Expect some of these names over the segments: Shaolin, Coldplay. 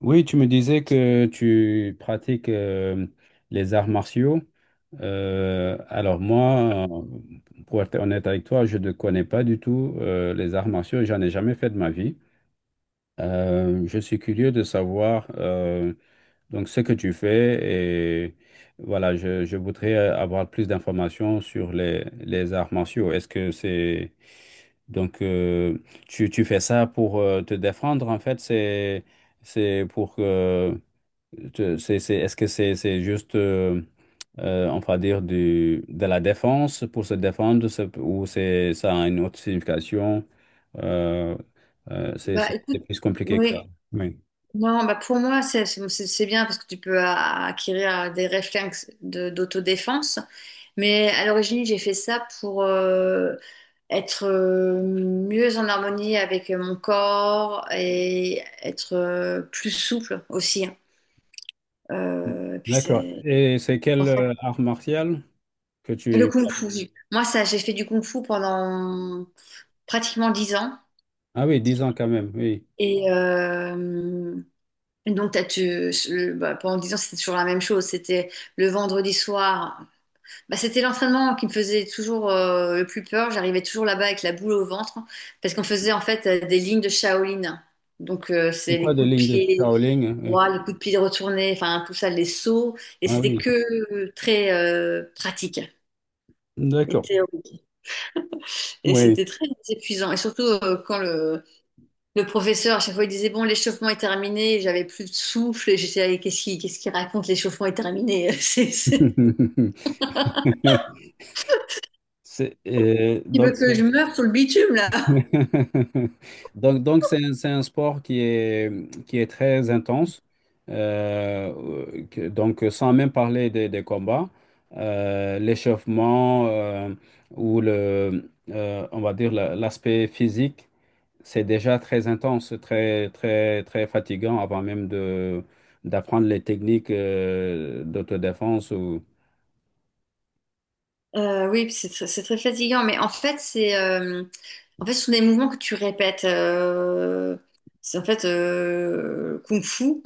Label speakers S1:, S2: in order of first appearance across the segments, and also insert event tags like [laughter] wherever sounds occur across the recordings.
S1: Oui, tu me disais que tu pratiques les arts martiaux. Alors moi, pour être honnête avec toi, je ne connais pas du tout les arts martiaux. J'en ai jamais fait de ma vie. Je suis curieux de savoir donc ce que tu fais et voilà, je voudrais avoir plus d'informations sur les arts martiaux. Est-ce que c'est donc Tu fais ça pour te défendre en fait. C'est pour que tu- c'est- Est-ce que c'est juste, on va dire, de la défense pour se défendre ça, ou ça a une autre signification? Euh, euh, c'est
S2: Bah
S1: c'est- c'est
S2: écoute,
S1: plus compliqué que ça.
S2: oui,
S1: Oui.
S2: non, bah pour moi c'est bien parce que tu peux acquérir des réflexes d'autodéfense. Mais à l'origine, j'ai fait ça pour être mieux en harmonie avec mon corps et être plus souple aussi, hein. Puis
S1: D'accord.
S2: c'est
S1: Et c'est
S2: en
S1: quelle
S2: fait
S1: art martial que
S2: le
S1: tu...
S2: kung-fu. Moi, ça, j'ai fait du kung-fu pendant pratiquement 10 ans.
S1: Ah oui, 10 ans quand même, oui.
S2: et euh, Donc, bah, pendant 10 ans, c'était toujours la même chose. C'était le vendredi soir. Bah, c'était l'entraînement qui me faisait toujours le plus peur. J'arrivais toujours là-bas avec la boule au ventre parce qu'on faisait en fait des lignes de Shaolin. Donc,
S1: C'est
S2: c'est les
S1: quoi des
S2: coups de
S1: lignes de
S2: pied
S1: Shaolin?
S2: droits, les coups de pied retournés, enfin tout ça, les sauts. Et
S1: Hein, oui.
S2: c'était
S1: Ah
S2: que
S1: oui,
S2: très pratique et
S1: d'accord.
S2: théorique. Et c'était
S1: Oui.
S2: très épuisant. Et surtout quand le professeur, à chaque fois, il disait, bon, l'échauffement est terminé, j'avais plus de souffle, et j'étais, allez, qu'est-ce qu'il raconte, l'échauffement est terminé? [laughs]
S1: [laughs]
S2: Il
S1: Donc,
S2: veut que je
S1: c'est
S2: meure sur le bitume, là.
S1: [laughs] Donc, c'est un sport qui est très intense. Donc, sans même parler des combats, l'échauffement ou on va dire l'aspect physique, c'est déjà très intense, très, très, très fatigant avant même d'apprendre les techniques d'autodéfense. Ou...
S2: Oui, puis c'est très fatigant, mais en fait, ce sont des mouvements que tu répètes. C'est en fait Kung Fu,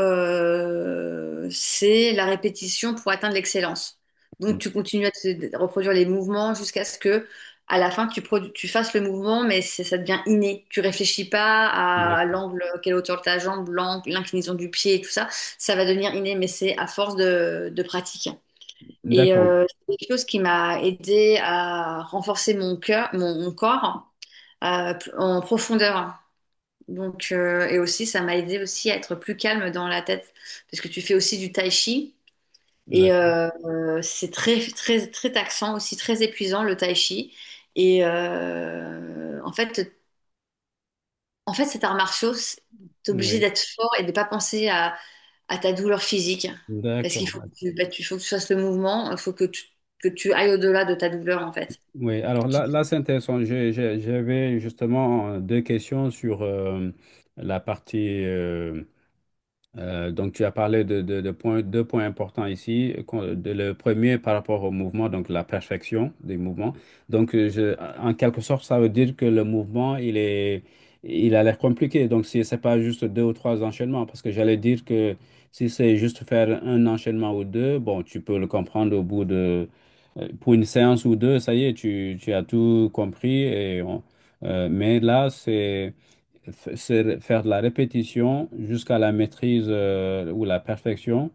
S2: c'est la répétition pour atteindre l'excellence. Donc, tu continues à reproduire les mouvements jusqu'à ce que, à la fin, tu fasses le mouvement, ça devient inné. Tu réfléchis pas à
S1: D'accord.
S2: l'angle, quelle hauteur de ta jambe, l'angle, l'inclinaison du pied et tout ça. Ça va devenir inné, mais c'est à force de pratique. Et
S1: D'accord.
S2: c'est quelque chose qui m'a aidé à renforcer mon cœur, mon corps en profondeur. Donc, et aussi, ça m'a aidé aussi à être plus calme dans la tête, parce que tu fais aussi du tai chi. Et
S1: D'accord.
S2: c'est très, très, très taxant, aussi très épuisant, le tai chi. Et en fait, cet art martiaux, t'es obligé
S1: Oui.
S2: d'être fort et de pas penser à, ta douleur physique. Parce qu'il
S1: D'accord.
S2: faut que faut que tu fasses le mouvement, il faut que tu ailles au-delà de ta douleur, en fait.
S1: Oui, alors
S2: Tu-
S1: là c'est intéressant. J'avais justement deux questions sur la partie donc, tu as parlé deux points importants ici. Le premier par rapport au mouvement, donc la perfection des mouvements. Donc, en quelque sorte, ça veut dire que le mouvement, il a l'air compliqué. Donc, si c'est pas juste deux ou trois enchaînements, parce que j'allais dire que si c'est juste faire un enchaînement ou deux, bon, tu peux le comprendre pour une séance ou deux, ça y est, tu as tout compris. Mais là, c'est faire de la répétition jusqu'à la maîtrise ou la perfection.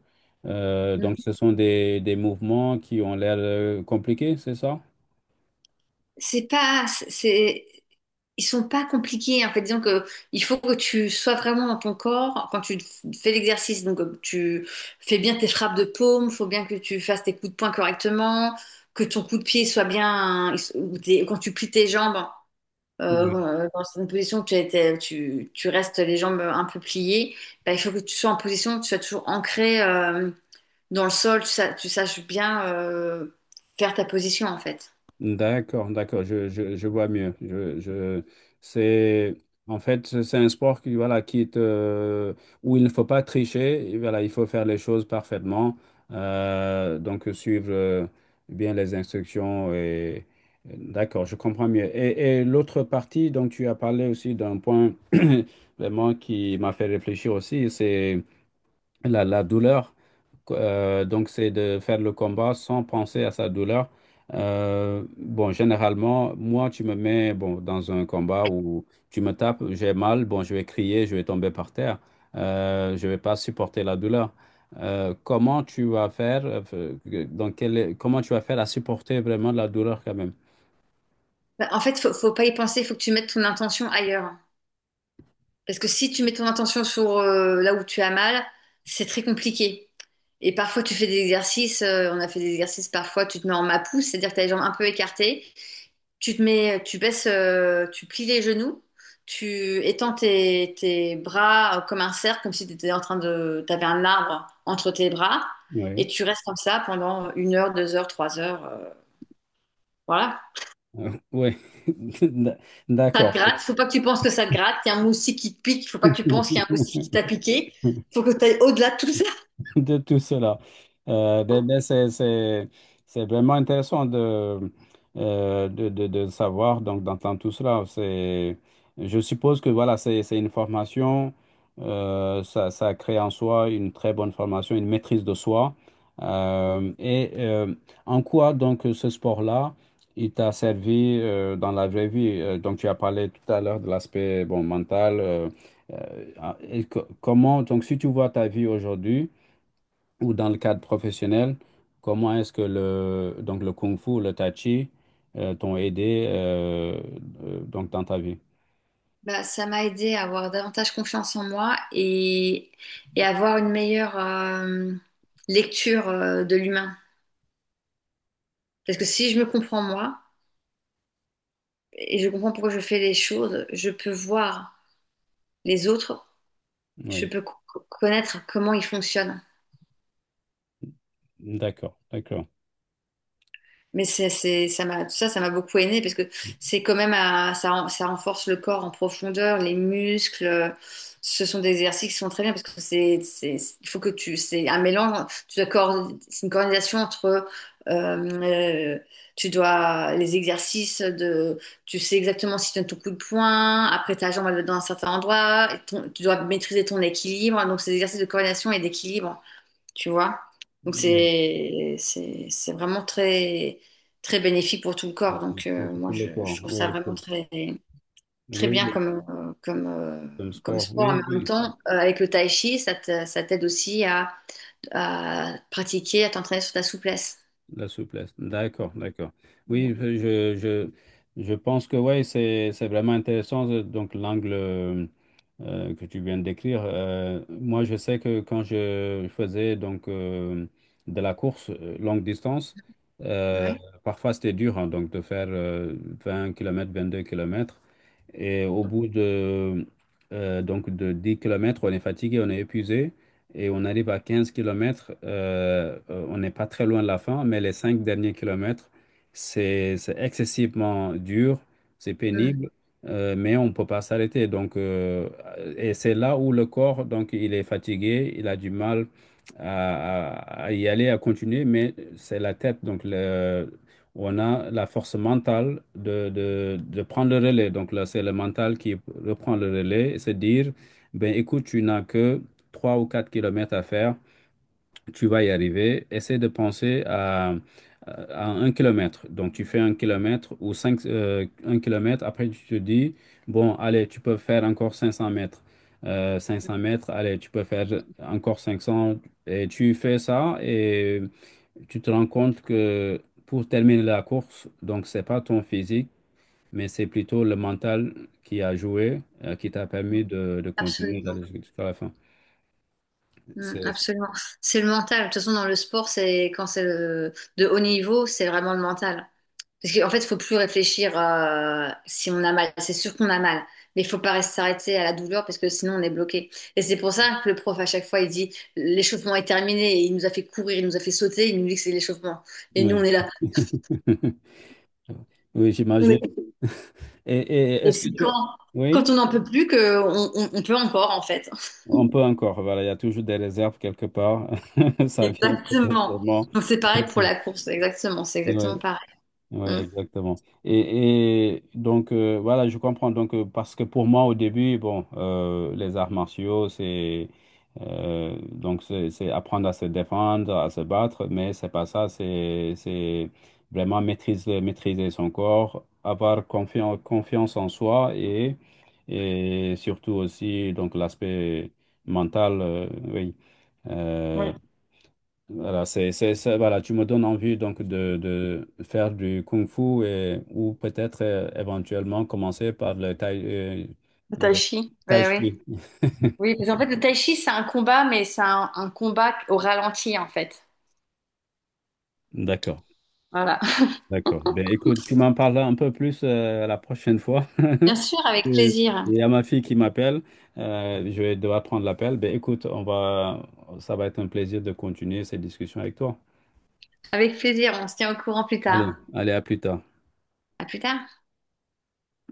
S2: Mm.
S1: Donc, ce sont des mouvements qui ont l'air compliqués, c'est ça?
S2: C'est pas, c'est, Ils sont pas compliqués, en fait. Disons que il faut que tu sois vraiment dans ton corps quand tu fais l'exercice. Donc, tu fais bien tes frappes de paume, faut bien que tu fasses tes coups de poing correctement, que ton coup de pied soit bien, quand tu plies tes jambes. Bon, dans une position où tu, as été- tu restes les jambes un peu pliées, bah, il faut que tu sois en position où tu sois toujours ancré dans le sol, tu saches bien faire ta position en fait.
S1: D'accord, d'accord, je vois mieux. C'est, en fait, c'est un sport qui, voilà, où il ne faut pas tricher, et voilà, il faut faire les choses parfaitement, donc suivre bien les instructions. Et, d'accord, je comprends mieux. Et l'autre partie dont tu as parlé aussi d'un point [clears throat] vraiment qui m'a fait réfléchir aussi, c'est la douleur, donc c'est de faire le combat sans penser à sa douleur. Bon, généralement, moi, tu me mets bon, dans un combat où tu me tapes, j'ai mal, bon, je vais crier, je vais tomber par terre, je vais pas supporter la douleur. Euh, comment tu vas faire, euh, Comment tu vas faire à supporter vraiment la douleur quand même?
S2: Bah, en fait, faut pas y penser, il faut que tu mettes ton intention ailleurs. Parce que si tu mets ton intention sur là où tu as mal, c'est très compliqué. Et parfois, tu fais des exercices, on a fait des exercices, parfois tu te mets en mapou, c'est-à-dire que tu as les jambes un peu écartées. Tu te mets, tu baisses, tu plies les genoux, tu étends tes bras comme un cercle, comme si tu étais t'avais un arbre entre tes bras, et
S1: Oui,
S2: tu restes comme ça pendant 1 heure, 2 heures, 3 heures, voilà.
S1: [laughs] oui, [laughs]
S2: Ça te
S1: d'accord.
S2: gratte, faut pas que tu penses que ça te gratte, il y a un moustique qui te pique, faut pas que tu penses qu'il y a un moustique
S1: [laughs]
S2: qui t'a piqué, faut que tu ailles au-delà de tout ça.
S1: [laughs] De tout cela. Ben, c'est vraiment intéressant de savoir, donc d'entendre tout cela. Je suppose que voilà, c'est une formation, ça crée en soi une très bonne formation, une maîtrise de soi.
S2: [laughs]
S1: Et en quoi donc ce sport-là, il t'a servi dans la vraie vie? Donc tu as parlé tout à l'heure de l'aspect bon, mental. Comment, donc si tu vois ta vie aujourd'hui, ou dans le cadre professionnel, comment est-ce que donc le Kung Fu, le Tai Chi, t'ont aidé donc dans ta vie?
S2: Bah, ça m'a aidé à avoir davantage confiance en moi et, avoir une meilleure lecture de l'humain. Parce que si je me comprends moi, et je comprends pourquoi je fais les choses. Je peux voir les autres, je
S1: Oui,
S2: peux connaître comment ils fonctionnent.
S1: d'accord, d'accord.
S2: Mais ça m'a, tout ça, ça m'a beaucoup aidé parce que c'est quand même, ça renforce le corps en profondeur, les muscles. Ce sont des exercices qui sont très bien parce que c'est, il faut que tu, c'est un mélange. Tu dois c'est une coordination entre, euh, euh, tu dois les exercices de, tu sais exactement si tu donnes ton coup de poing. Après ta jambe elle va dans un certain endroit. Tu dois maîtriser ton équilibre. Donc ces exercices de coordination et d'équilibre, tu vois. Donc
S1: Oui,
S2: c'est vraiment très très bénéfique pour tout le corps. Donc moi
S1: pour le
S2: je
S1: corps,
S2: trouve ça
S1: oui,
S2: vraiment
S1: pour,
S2: très très bien
S1: oui, comme
S2: comme
S1: sport,
S2: sport.
S1: oui,
S2: Mais en même
S1: oui.
S2: temps, avec le tai chi, ça t'aide aussi à pratiquer, à t'entraîner sur ta souplesse.
S1: La souplesse. D'accord, d'accord.
S2: Ouais.
S1: Oui, je pense que ouais, c'est vraiment intéressant, donc l'angle que tu viens de décrire. Moi, je sais que quand je faisais donc de la course longue distance, euh,
S2: Ouais.
S1: parfois c'était dur, hein, donc de faire 20 kilomètres, 22 kilomètres. Et au bout donc de 10 kilomètres, on est fatigué, on est épuisé et on arrive à 15 km. On n'est pas très loin de la fin, mais les 5 derniers kilomètres, c'est excessivement dur, c'est
S2: Mm.
S1: pénible, mais on ne peut pas s'arrêter. Donc, et c'est là où le corps, donc, il est fatigué, il a du mal à, à y aller, à continuer, mais c'est la tête. Donc, on a la force mentale de prendre le relais. Donc là, c'est le mental qui reprend le relais et se dire, ben écoute, tu n'as que 3 ou 4 kilomètres à faire, tu vas y arriver. Essaie de penser à 1 km. Donc, tu fais 1 kilomètre ou 5, 1 kilomètre. Après, tu te dis, bon, allez, tu peux faire encore 500 mètres. 500 mètres, allez, tu peux faire encore 500. Et tu fais ça et tu te rends compte que pour terminer la course, donc, c'est pas ton physique, mais c'est plutôt le mental qui a joué, qui t'a permis de continuer
S2: Absolument.
S1: d'aller jusqu'à la fin.
S2: Mm,
S1: C'est-
S2: absolument. C'est le mental. De toute façon, dans le sport, c'est quand c'est de haut niveau, c'est vraiment le mental. Parce qu'en fait, il faut plus réfléchir si on a mal. C'est sûr qu'on a mal. Mais il faut pas rester s'arrêter à la douleur parce que sinon on est bloqué. Et c'est pour ça que le prof, à chaque fois, il dit l'échauffement est terminé. Et il nous a fait courir, il nous a fait sauter, il nous dit que c'est l'échauffement. Et nous, on
S1: Oui.
S2: est là.
S1: [laughs] Oui,
S2: On
S1: j'imagine.
S2: est-
S1: [laughs] Et
S2: Et
S1: est-ce que
S2: c'est
S1: tu...
S2: quand
S1: Oui,
S2: on n'en peut plus que on peut encore, en fait. [laughs]
S1: on peut encore. Voilà, il y a toujours des réserves quelque part. [laughs] Ça vient peut-être
S2: Exactement.
S1: sûrement.
S2: Donc c'est pareil pour
S1: [laughs]
S2: la course. Exactement. C'est exactement
S1: Oui.
S2: pareil.
S1: Oui,
S2: Mm.
S1: exactement. Et donc, voilà, je comprends. Donc, parce que pour moi, au début, bon, les arts martiaux, c'est donc c'est apprendre à se défendre, à se battre, mais c'est pas ça. C'est vraiment maîtriser, maîtriser son corps, avoir confiance, confiance en soi et surtout aussi donc l'aspect mental, oui. Euh,
S2: Oui.
S1: voilà, voilà, tu me donnes envie donc de faire du kung fu ou peut-être éventuellement commencer par euh,
S2: Le tai
S1: le
S2: chi. Oui,
S1: tai
S2: oui.
S1: chi.
S2: Oui, parce qu'en fait, le tai chi, c'est un combat, mais c'est un combat au ralenti, en fait.
S1: D'accord,
S2: Voilà.
S1: d'accord. Ben écoute, tu m'en parles un peu plus la prochaine fois. [laughs]
S2: Bien sûr, avec
S1: Il
S2: plaisir.
S1: y a ma fille qui m'appelle. Je vais devoir prendre l'appel. Ben écoute, ça va être un plaisir de continuer cette discussion avec toi.
S2: Avec plaisir, on se tient au courant plus
S1: Allez,
S2: tard.
S1: allez, à plus tard.
S2: À plus tard.